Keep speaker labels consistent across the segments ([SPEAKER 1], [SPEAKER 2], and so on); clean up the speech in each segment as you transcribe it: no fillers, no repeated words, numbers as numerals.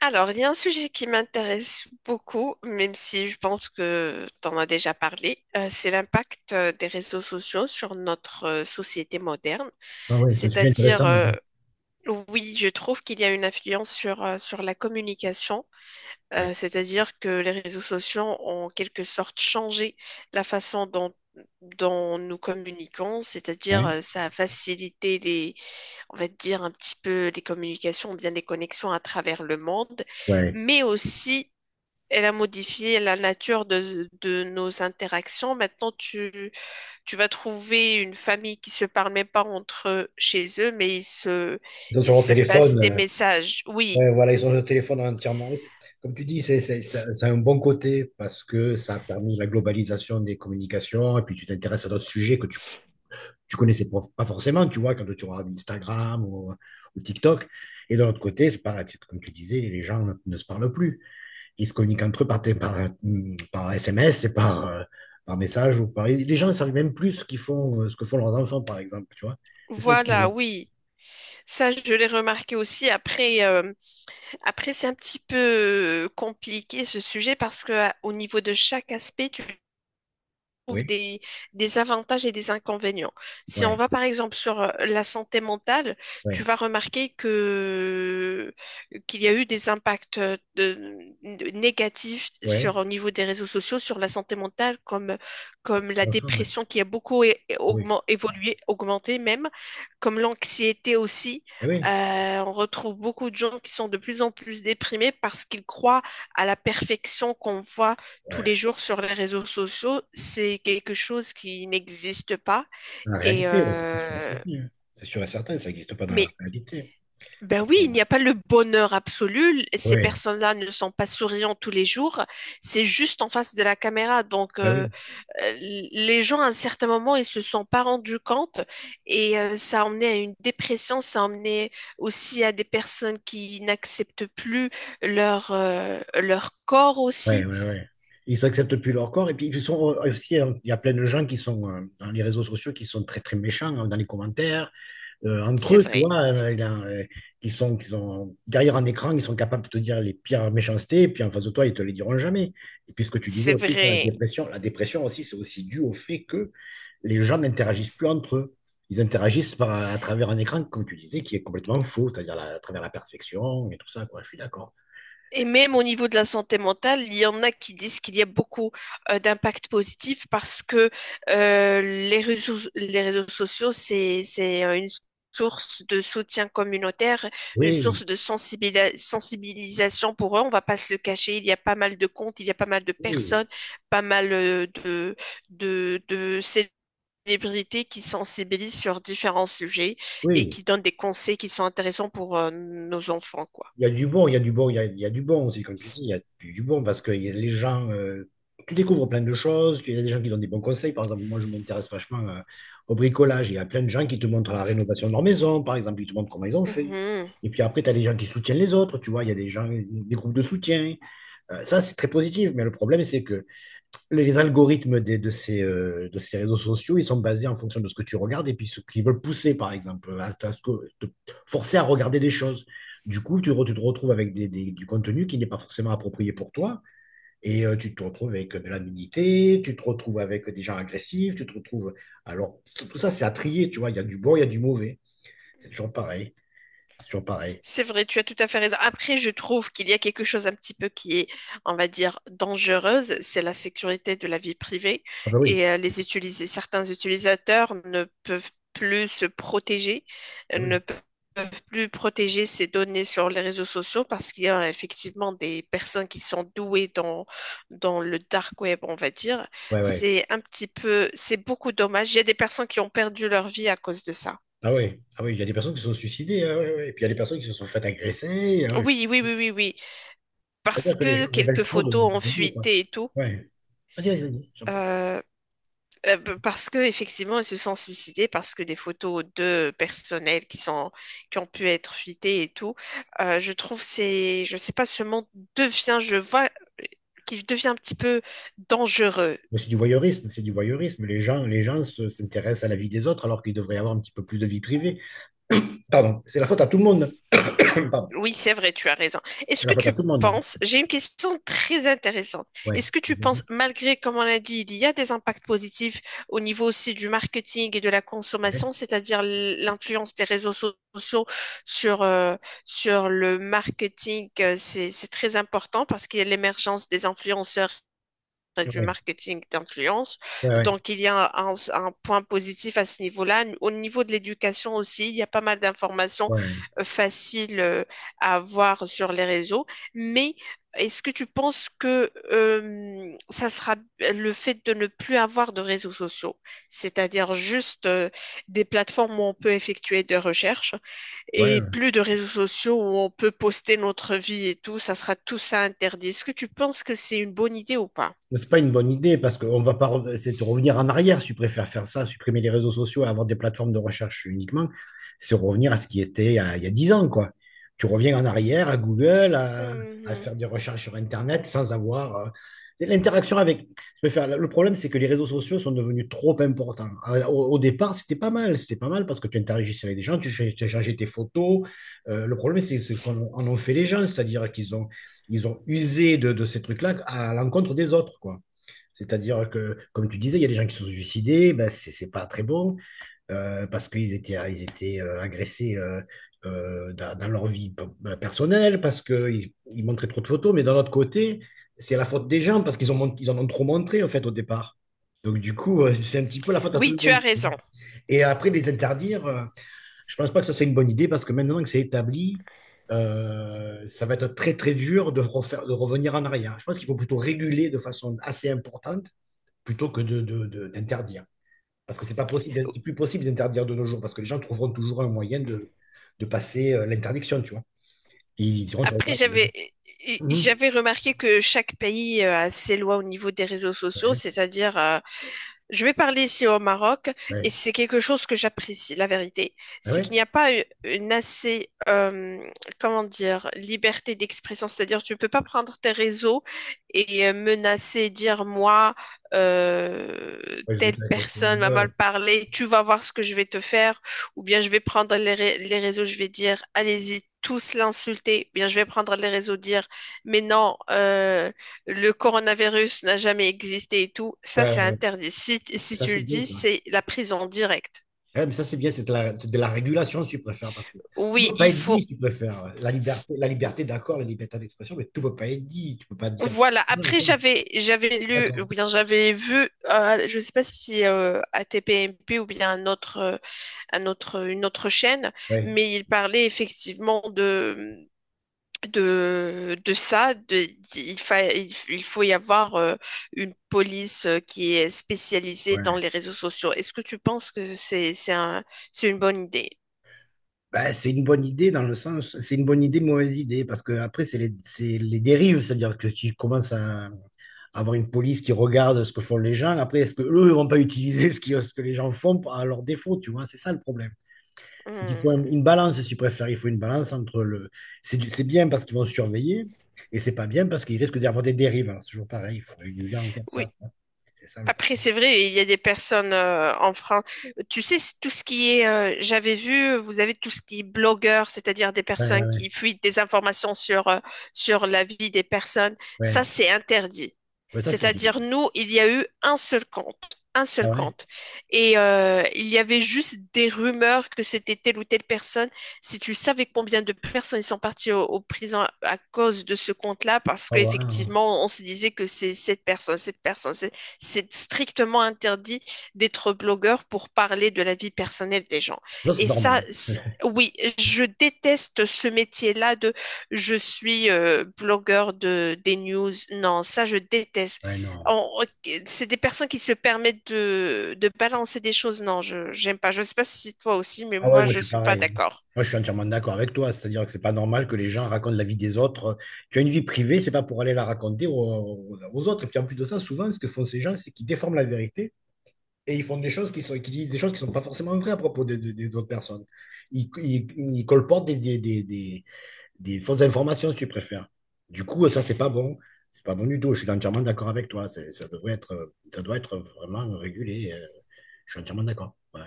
[SPEAKER 1] Alors, il y a un sujet qui m'intéresse beaucoup, même si je pense que tu en as déjà parlé, c'est l'impact des réseaux sociaux sur notre société moderne.
[SPEAKER 2] Ah ouais, c'est un sujet
[SPEAKER 1] C'est-à-dire,
[SPEAKER 2] intéressant, hein.
[SPEAKER 1] oui, je trouve qu'il y a une influence sur, sur la communication, c'est-à-dire que les réseaux sociaux ont en quelque sorte changé la façon dont, dont nous communiquons, c'est-à-dire
[SPEAKER 2] Ouais.
[SPEAKER 1] ça a facilité les, on va dire un petit peu les communications, ou bien les connexions à travers le monde,
[SPEAKER 2] Ouais.
[SPEAKER 1] mais aussi elle a modifié la nature de nos interactions. Maintenant, tu vas trouver une famille qui se parle même pas entre eux chez eux, mais
[SPEAKER 2] Ils sont sur
[SPEAKER 1] ils
[SPEAKER 2] leur
[SPEAKER 1] se passent
[SPEAKER 2] téléphone.
[SPEAKER 1] des messages. Oui,
[SPEAKER 2] Ouais, voilà, ils sont sur leur téléphone entièrement. Comme tu dis, ça a un bon côté parce que ça a permis la globalisation des communications, et puis tu t'intéresses à d'autres sujets que tu connaissais pas forcément, tu vois, quand tu regardes Instagram ou TikTok. Et de l'autre côté, c'est pareil, comme tu disais, les gens ne se parlent plus. Ils se communiquent entre eux par SMS et par message ou par... Les gens ne savent même plus ce qu'ils font, ce que font leurs enfants, par exemple, tu vois. C'est ça le
[SPEAKER 1] voilà,
[SPEAKER 2] problème.
[SPEAKER 1] oui. Ça, je l'ai remarqué aussi. Après, après c'est un petit peu compliqué ce sujet parce que au niveau de chaque aspect, tu trouve
[SPEAKER 2] Oui.
[SPEAKER 1] des avantages et des inconvénients. Si on
[SPEAKER 2] Ouais,
[SPEAKER 1] va par exemple sur la santé mentale, tu
[SPEAKER 2] ouais,
[SPEAKER 1] vas remarquer que qu'il y a eu des impacts négatifs sur
[SPEAKER 2] ouais.
[SPEAKER 1] au niveau des réseaux sociaux sur la santé mentale, comme la
[SPEAKER 2] Enfin, ouais.
[SPEAKER 1] dépression qui a beaucoup
[SPEAKER 2] Ah oui,
[SPEAKER 1] évolué, augmenté même, comme l'anxiété aussi.
[SPEAKER 2] eh oui,
[SPEAKER 1] On retrouve beaucoup de gens qui sont de plus en plus déprimés parce qu'ils croient à la perfection qu'on voit tous
[SPEAKER 2] ouais.
[SPEAKER 1] les jours sur les réseaux sociaux, c'est quelque chose qui n'existe pas.
[SPEAKER 2] Dans la
[SPEAKER 1] Et
[SPEAKER 2] réalité, ouais, c'est sûr et
[SPEAKER 1] euh,
[SPEAKER 2] certain, hein. C'est sûr et certain, ça n'existe pas dans la
[SPEAKER 1] mais
[SPEAKER 2] réalité.
[SPEAKER 1] ben
[SPEAKER 2] C'est
[SPEAKER 1] oui,
[SPEAKER 2] pas...
[SPEAKER 1] il n'y a pas le bonheur absolu. Ces
[SPEAKER 2] Ouais,
[SPEAKER 1] personnes-là ne sont pas souriantes tous les jours. C'est juste en face de la caméra. Donc,
[SPEAKER 2] bah oui,
[SPEAKER 1] euh, les gens, à un certain moment, ils se sont pas rendus compte. Ça a emmené à une dépression. Ça a emmené aussi à des personnes qui n'acceptent plus leur, leur corps
[SPEAKER 2] ouais,
[SPEAKER 1] aussi.
[SPEAKER 2] ouais, ouais. Ils acceptent plus leur corps, et puis ils sont aussi, hein, il y a plein de gens qui sont dans les réseaux sociaux qui sont très très méchants, hein, dans les commentaires. Entre
[SPEAKER 1] C'est
[SPEAKER 2] eux, tu
[SPEAKER 1] vrai.
[SPEAKER 2] vois, ils sont derrière un écran, ils sont capables de te dire les pires méchancetés, et puis en face de toi, ils te les diront jamais. Et puis ce que tu disais
[SPEAKER 1] C'est
[SPEAKER 2] aussi, c'est la
[SPEAKER 1] vrai.
[SPEAKER 2] dépression. La dépression aussi, c'est aussi dû au fait que les gens n'interagissent plus entre eux. Ils interagissent à travers un écran, comme tu disais, qui est complètement faux, c'est-à-dire à travers la perfection et tout ça, quoi. Je suis d'accord.
[SPEAKER 1] Et même au niveau de la santé mentale, il y en a qui disent qu'il y a beaucoup d'impact positif parce que les réseaux sociaux, c'est une source de soutien communautaire, une
[SPEAKER 2] Oui,
[SPEAKER 1] source de sensibilisation pour eux. On va pas se le cacher, il y a pas mal de comptes, il y a pas mal de
[SPEAKER 2] oui,
[SPEAKER 1] personnes, pas mal de célébrités qui sensibilisent sur différents sujets et
[SPEAKER 2] oui.
[SPEAKER 1] qui donnent des conseils qui sont intéressants pour nos enfants, quoi.
[SPEAKER 2] Il y a du bon, il y a du bon, il y a du bon aussi, comme tu dis, il y a du bon parce que il y a les gens, tu découvres plein de choses, il y a des gens qui donnent des bons conseils. Par exemple, moi, je m'intéresse vachement au bricolage. Il y a plein de gens qui te montrent la rénovation de leur maison, par exemple, ils te montrent comment ils ont fait.
[SPEAKER 1] Uh-huh.
[SPEAKER 2] Et puis après, tu as des gens qui soutiennent les autres, tu vois, il y a des gens, des groupes de soutien. Ça, c'est très positif, mais le problème, c'est que les algorithmes de ces réseaux sociaux, ils sont basés en fonction de ce que tu regardes, et puis ce qu'ils veulent pousser, par exemple, te forcer à regarder des choses. Du coup, tu te retrouves avec du contenu qui n'est pas forcément approprié pour toi, et tu te retrouves avec de la nudité, tu te retrouves avec des gens agressifs, tu te retrouves... Alors, tout tout ça, c'est à trier, tu vois, il y a du bon, il y a du mauvais. C'est toujours pareil, c'est toujours pareil.
[SPEAKER 1] C'est vrai, tu as tout à fait raison. Après, je trouve qu'il y a quelque chose un petit peu qui est, on va dire, dangereuse, c'est la sécurité de la vie privée
[SPEAKER 2] Ah bah oui,
[SPEAKER 1] et certains utilisateurs ne peuvent plus se protéger,
[SPEAKER 2] ah
[SPEAKER 1] ne
[SPEAKER 2] oui,
[SPEAKER 1] pe- peuvent plus protéger ces données sur les réseaux sociaux parce qu'il y a effectivement des personnes qui sont douées dans, dans le dark web, on va dire.
[SPEAKER 2] ouais, ouais.
[SPEAKER 1] C'est un petit peu, c'est beaucoup dommage. Il y a des personnes qui ont perdu leur vie à cause de ça.
[SPEAKER 2] Ah oui, ah oui, il y a des personnes qui se sont suicidées, ah ouais, ouais. Ouais. Et puis il y a des personnes qui se sont faites agresser, ah ouais.
[SPEAKER 1] Oui, oui, oui, oui, oui. Parce
[SPEAKER 2] C'est-à-dire que les
[SPEAKER 1] que
[SPEAKER 2] gens révèlent
[SPEAKER 1] quelques
[SPEAKER 2] trop
[SPEAKER 1] photos ont
[SPEAKER 2] de nous, quoi.
[SPEAKER 1] fuité et tout,
[SPEAKER 2] Ouais. Vas-y, vas-y, vas-y, j'en prie.
[SPEAKER 1] euh, parce que effectivement, ils se sont suicidés, parce que des photos de personnel qui sont, qui ont pu être fuitées et tout, je trouve c'est, je sais pas, ce monde devient, je vois qu'il devient un petit peu dangereux.
[SPEAKER 2] Mais c'est du voyeurisme, c'est du voyeurisme. Les gens s'intéressent à la vie des autres, alors qu'ils devraient avoir un petit peu plus de vie privée. Pardon, c'est la faute à tout le monde. Pardon,
[SPEAKER 1] Oui, c'est vrai, tu as raison.
[SPEAKER 2] c'est
[SPEAKER 1] Est-ce
[SPEAKER 2] la
[SPEAKER 1] que
[SPEAKER 2] faute à
[SPEAKER 1] tu
[SPEAKER 2] tout le monde.
[SPEAKER 1] penses, j'ai une question très intéressante.
[SPEAKER 2] Ouais.
[SPEAKER 1] Est-ce que tu penses, malgré, comme on l'a dit, il y a des impacts positifs au niveau aussi du marketing et de la
[SPEAKER 2] Ouais.
[SPEAKER 1] consommation, c'est-à-dire l'influence des sociaux sur, sur le marketing, c'est très important parce qu'il y a l'émergence des influenceurs du
[SPEAKER 2] Ouais.
[SPEAKER 1] marketing d'influence.
[SPEAKER 2] Ouais. Ouais.
[SPEAKER 1] Donc, il y a un point positif à ce niveau-là. Au niveau de l'éducation aussi, il y a pas mal d'informations
[SPEAKER 2] Ouais.
[SPEAKER 1] faciles à avoir sur les réseaux. Mais est-ce que tu penses que ça sera le fait de ne plus avoir de réseaux sociaux, c'est-à-dire juste des plateformes où on peut effectuer des recherches et
[SPEAKER 2] Ouais.
[SPEAKER 1] plus de réseaux sociaux où on peut poster notre vie et tout, ça sera tout ça interdit. Est-ce que tu penses que c'est une bonne idée ou pas?
[SPEAKER 2] C'est pas une bonne idée parce qu'on va pas, c'est de revenir en arrière si tu préfères faire ça, supprimer les réseaux sociaux et avoir des plateformes de recherche uniquement, c'est revenir à ce qui était il y a 10 ans, quoi. Tu reviens en arrière à Google, à
[SPEAKER 1] Mhm.
[SPEAKER 2] faire des recherches sur Internet sans avoir c'est l'interaction avec. Le problème, c'est que les réseaux sociaux sont devenus trop importants. Au départ, c'était pas mal parce que tu interagissais avec des gens, tu échangeais tes photos. Le problème, c'est qu'on en ont fait les gens, c'est-à-dire qu'ils ont usé de ces trucs-là à l'encontre des autres, quoi. C'est-à-dire que, comme tu disais, il y a des gens qui sont suicidés, ben c'est pas très bon, parce qu'ils étaient agressés, dans leur vie personnelle, parce qu'ils montraient trop de photos, mais d'un autre côté, c'est la faute des gens parce qu'ils en ont trop montré en fait au départ. Donc du coup, c'est un petit peu la faute à tout
[SPEAKER 1] Oui,
[SPEAKER 2] le
[SPEAKER 1] tu as
[SPEAKER 2] monde.
[SPEAKER 1] raison.
[SPEAKER 2] Et après, les interdire, je pense pas que ça, c'est une bonne idée parce que maintenant que c'est établi, ça va être très, très dur de revenir en arrière. Je pense qu'il faut plutôt réguler de façon assez importante plutôt que d'interdire. Parce que c'est pas possible, c'est plus possible d'interdire de nos jours parce que les gens trouveront toujours un moyen de passer l'interdiction, tu vois. Ils diront sur le
[SPEAKER 1] Après,
[SPEAKER 2] tas. Mhm.
[SPEAKER 1] j'avais remarqué que chaque pays a ses lois au niveau des réseaux sociaux,
[SPEAKER 2] Ouais,
[SPEAKER 1] c'est-à-dire je vais parler ici au Maroc et
[SPEAKER 2] ouais.
[SPEAKER 1] c'est quelque chose que j'apprécie, la vérité.
[SPEAKER 2] Ah
[SPEAKER 1] C'est qu'il
[SPEAKER 2] ouais,
[SPEAKER 1] n'y a pas eu- une assez, comment dire, liberté d'expression. C'est-à-dire, tu ne peux pas prendre tes réseaux et menacer, dire moi, euh,
[SPEAKER 2] ouais, je vais
[SPEAKER 1] telle
[SPEAKER 2] te la question.
[SPEAKER 1] personne m'a
[SPEAKER 2] Ouais,
[SPEAKER 1] mal
[SPEAKER 2] ouais.
[SPEAKER 1] parlé, tu vas voir ce que je vais te faire. Ou bien je vais prendre les, les réseaux, je vais dire allez-y, tous l'insulter. Ou bien je vais prendre les réseaux, dire mais non. Le coronavirus n'a jamais existé et tout, ça
[SPEAKER 2] Ouais,
[SPEAKER 1] c'est
[SPEAKER 2] ouais. Ouais.
[SPEAKER 1] interdit. Si, si
[SPEAKER 2] Ça,
[SPEAKER 1] tu le
[SPEAKER 2] c'est bien,
[SPEAKER 1] dis,
[SPEAKER 2] ça.
[SPEAKER 1] c'est la prison directe.
[SPEAKER 2] Ouais, mais ça, c'est bien, c'est de la régulation, si tu préfères, parce que tout ne
[SPEAKER 1] Oui,
[SPEAKER 2] peut pas
[SPEAKER 1] il
[SPEAKER 2] être dit,
[SPEAKER 1] faut.
[SPEAKER 2] si tu préfères. La liberté, d'accord, la liberté d'expression, mais tout ne peut pas être dit. Tu ne peux pas dire.
[SPEAKER 1] Voilà.
[SPEAKER 2] Voilà,
[SPEAKER 1] Après,
[SPEAKER 2] tiens.
[SPEAKER 1] j'avais lu ou
[SPEAKER 2] D'accord.
[SPEAKER 1] bien j'avais vu, je ne sais pas si ATPMP ou bien un autre, une autre chaîne,
[SPEAKER 2] Ouais.
[SPEAKER 1] mais il parlait effectivement de de ça, de- il fa- il f- il faut y avoir une police qui est spécialisée dans
[SPEAKER 2] Ouais.
[SPEAKER 1] les réseaux sociaux. Est-ce que tu penses que c'est un- c'est une bonne idée?
[SPEAKER 2] Bah, c'est une bonne idée dans le sens, c'est une bonne idée, mauvaise idée, parce que après, c'est les dérives, c'est-à-dire que tu commences à avoir une police qui regarde ce que font les gens. Après, est-ce que eux ne vont pas utiliser ce que les gens font à leur défaut, tu vois? C'est ça le problème. C'est qu'il faut
[SPEAKER 1] Hmm.
[SPEAKER 2] une balance, si tu préfères. Il faut une balance entre le. C'est bien parce qu'ils vont surveiller, et c'est pas bien parce qu'ils risquent d'y avoir des dérives. Alors, c'est toujours pareil, il faut réguler encore ça.
[SPEAKER 1] Oui.
[SPEAKER 2] tu vois. C'est ça le
[SPEAKER 1] Après,
[SPEAKER 2] problème.
[SPEAKER 1] c'est vrai, il y a des personnes en France. Tu sais, c'est tout ce qui est, j'avais vu, vous avez tout ce qui est blogueur, c'est-à-dire des
[SPEAKER 2] Ouais, ouais,
[SPEAKER 1] personnes qui
[SPEAKER 2] ouais.
[SPEAKER 1] fuient des informations sur, sur la vie des personnes. Ça,
[SPEAKER 2] Ouais,
[SPEAKER 1] c'est interdit.
[SPEAKER 2] ouais, ça, c'est bien, ça.
[SPEAKER 1] C'est-à-dire, nous, il y a eu un seul compte, un
[SPEAKER 2] Ah
[SPEAKER 1] seul
[SPEAKER 2] ouais?
[SPEAKER 1] compte. Et il y avait juste des rumeurs que c'était telle ou telle personne. Si tu savais combien de personnes ils sont parties au, au prison à cause de ce compte-là, parce
[SPEAKER 2] Ah ouais, ah ouais.
[SPEAKER 1] qu'effectivement, on se disait que c'est cette personne, cette personne. C'est strictement interdit d'être blogueur pour parler de la vie personnelle des gens.
[SPEAKER 2] Non, c'est
[SPEAKER 1] Et ça,
[SPEAKER 2] normal.
[SPEAKER 1] oui, je déteste ce métier-là de je suis blogueur de des news. Non, ça, je déteste.
[SPEAKER 2] Ouais, non.
[SPEAKER 1] On- c'est des personnes qui se permettent de balancer des choses. Non, je j'aime pas. Je ne sais pas si toi aussi, mais
[SPEAKER 2] Ah ouais,
[SPEAKER 1] moi,
[SPEAKER 2] non, je
[SPEAKER 1] je
[SPEAKER 2] suis
[SPEAKER 1] suis pas
[SPEAKER 2] pareil, hein.
[SPEAKER 1] d'accord.
[SPEAKER 2] Moi, je suis entièrement d'accord avec toi. C'est-à-dire que c'est pas normal que les gens racontent la vie des autres. Tu as une vie privée, c'est pas pour aller la raconter aux autres. Et puis en plus de ça, souvent, ce que font ces gens, c'est qu'ils déforment la vérité. Et ils font des choses qui disent des choses qui sont pas forcément vraies à propos des autres personnes. Ils colportent des fausses informations, si tu préfères. Du coup, ça, c'est pas bon. C'est pas bon du tout. Je suis entièrement d'accord avec toi. Ça doit être vraiment régulé. Je suis entièrement d'accord. Ouais.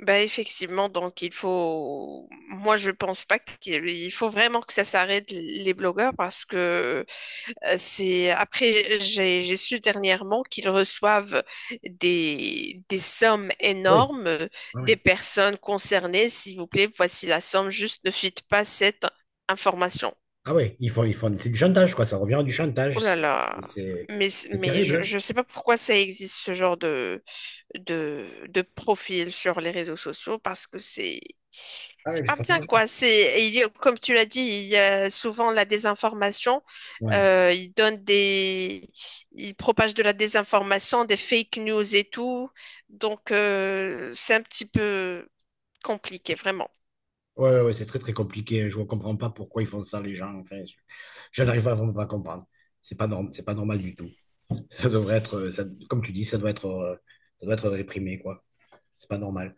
[SPEAKER 1] Bah effectivement, donc il faut, moi je pense pas qu'il il faut vraiment que ça s'arrête les blogueurs parce que euh, c'est après j'ai su dernièrement qu'ils reçoivent des sommes
[SPEAKER 2] Oui,
[SPEAKER 1] énormes
[SPEAKER 2] oui, ah oui.
[SPEAKER 1] des personnes concernées. S'il vous plaît, voici la somme. Juste ne fuite pas cette information.
[SPEAKER 2] Ah oui, ils font, c'est du chantage, quoi. Ça revient à du
[SPEAKER 1] Oh
[SPEAKER 2] chantage.
[SPEAKER 1] là là.
[SPEAKER 2] C'est-
[SPEAKER 1] Mais,
[SPEAKER 2] c'est
[SPEAKER 1] mais
[SPEAKER 2] terrible, hein.
[SPEAKER 1] je ne sais pas pourquoi ça existe ce genre de, de profil sur les réseaux sociaux parce que
[SPEAKER 2] Ah
[SPEAKER 1] c'est
[SPEAKER 2] oui, c'est
[SPEAKER 1] pas
[SPEAKER 2] pas
[SPEAKER 1] bien
[SPEAKER 2] dangereux.
[SPEAKER 1] quoi. C'est il y a- comme tu l'as dit, il y a souvent la désinformation.
[SPEAKER 2] Ouais.
[SPEAKER 1] Ils donnent des ils propagent de la désinformation, des fake news et tout. Donc c'est un petit peu compliqué vraiment.
[SPEAKER 2] Ouais, ouais, ouais, c'est très, très compliqué. Je ne comprends pas pourquoi ils font ça, les gens. Enfin, je n'arrive pas vraiment pas à comprendre. C'est pas normal du tout. Ça devrait être, ça- Comme tu dis, ça doit être réprimé, quoi. C'est pas normal.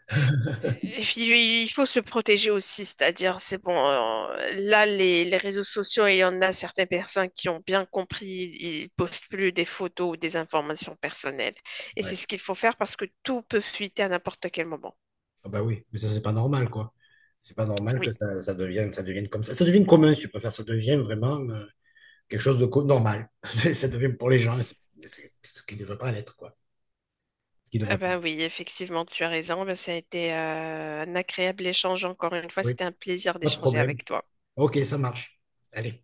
[SPEAKER 1] Et puis, il faut se protéger aussi, c'est-à-dire, c'est bon, là, les réseaux sociaux, il y en a certaines personnes qui ont bien compris, ils postent plus des photos ou des informations personnelles. Et
[SPEAKER 2] Ouais.
[SPEAKER 1] c'est ce qu'il faut faire parce que tout peut fuiter à n'importe quel moment.
[SPEAKER 2] Ah bah oui, mais ça, c'est pas normal, quoi. C'est pas normal que
[SPEAKER 1] Oui,
[SPEAKER 2] ça devienne comme ça. Ça devient commun, si tu préfères. Ça devient vraiment quelque chose de normal. Ça devient pour les gens. C'est ce qui ne devrait pas l'être, quoi. Ce qui
[SPEAKER 1] ah
[SPEAKER 2] devrait pas.
[SPEAKER 1] ben oui, effectivement, tu as raison. Ben, ça a été un agréable échange encore une fois.
[SPEAKER 2] Oui,
[SPEAKER 1] C'était un plaisir
[SPEAKER 2] pas de
[SPEAKER 1] d'échanger
[SPEAKER 2] problème.
[SPEAKER 1] avec toi.
[SPEAKER 2] Ok, ça marche. Allez.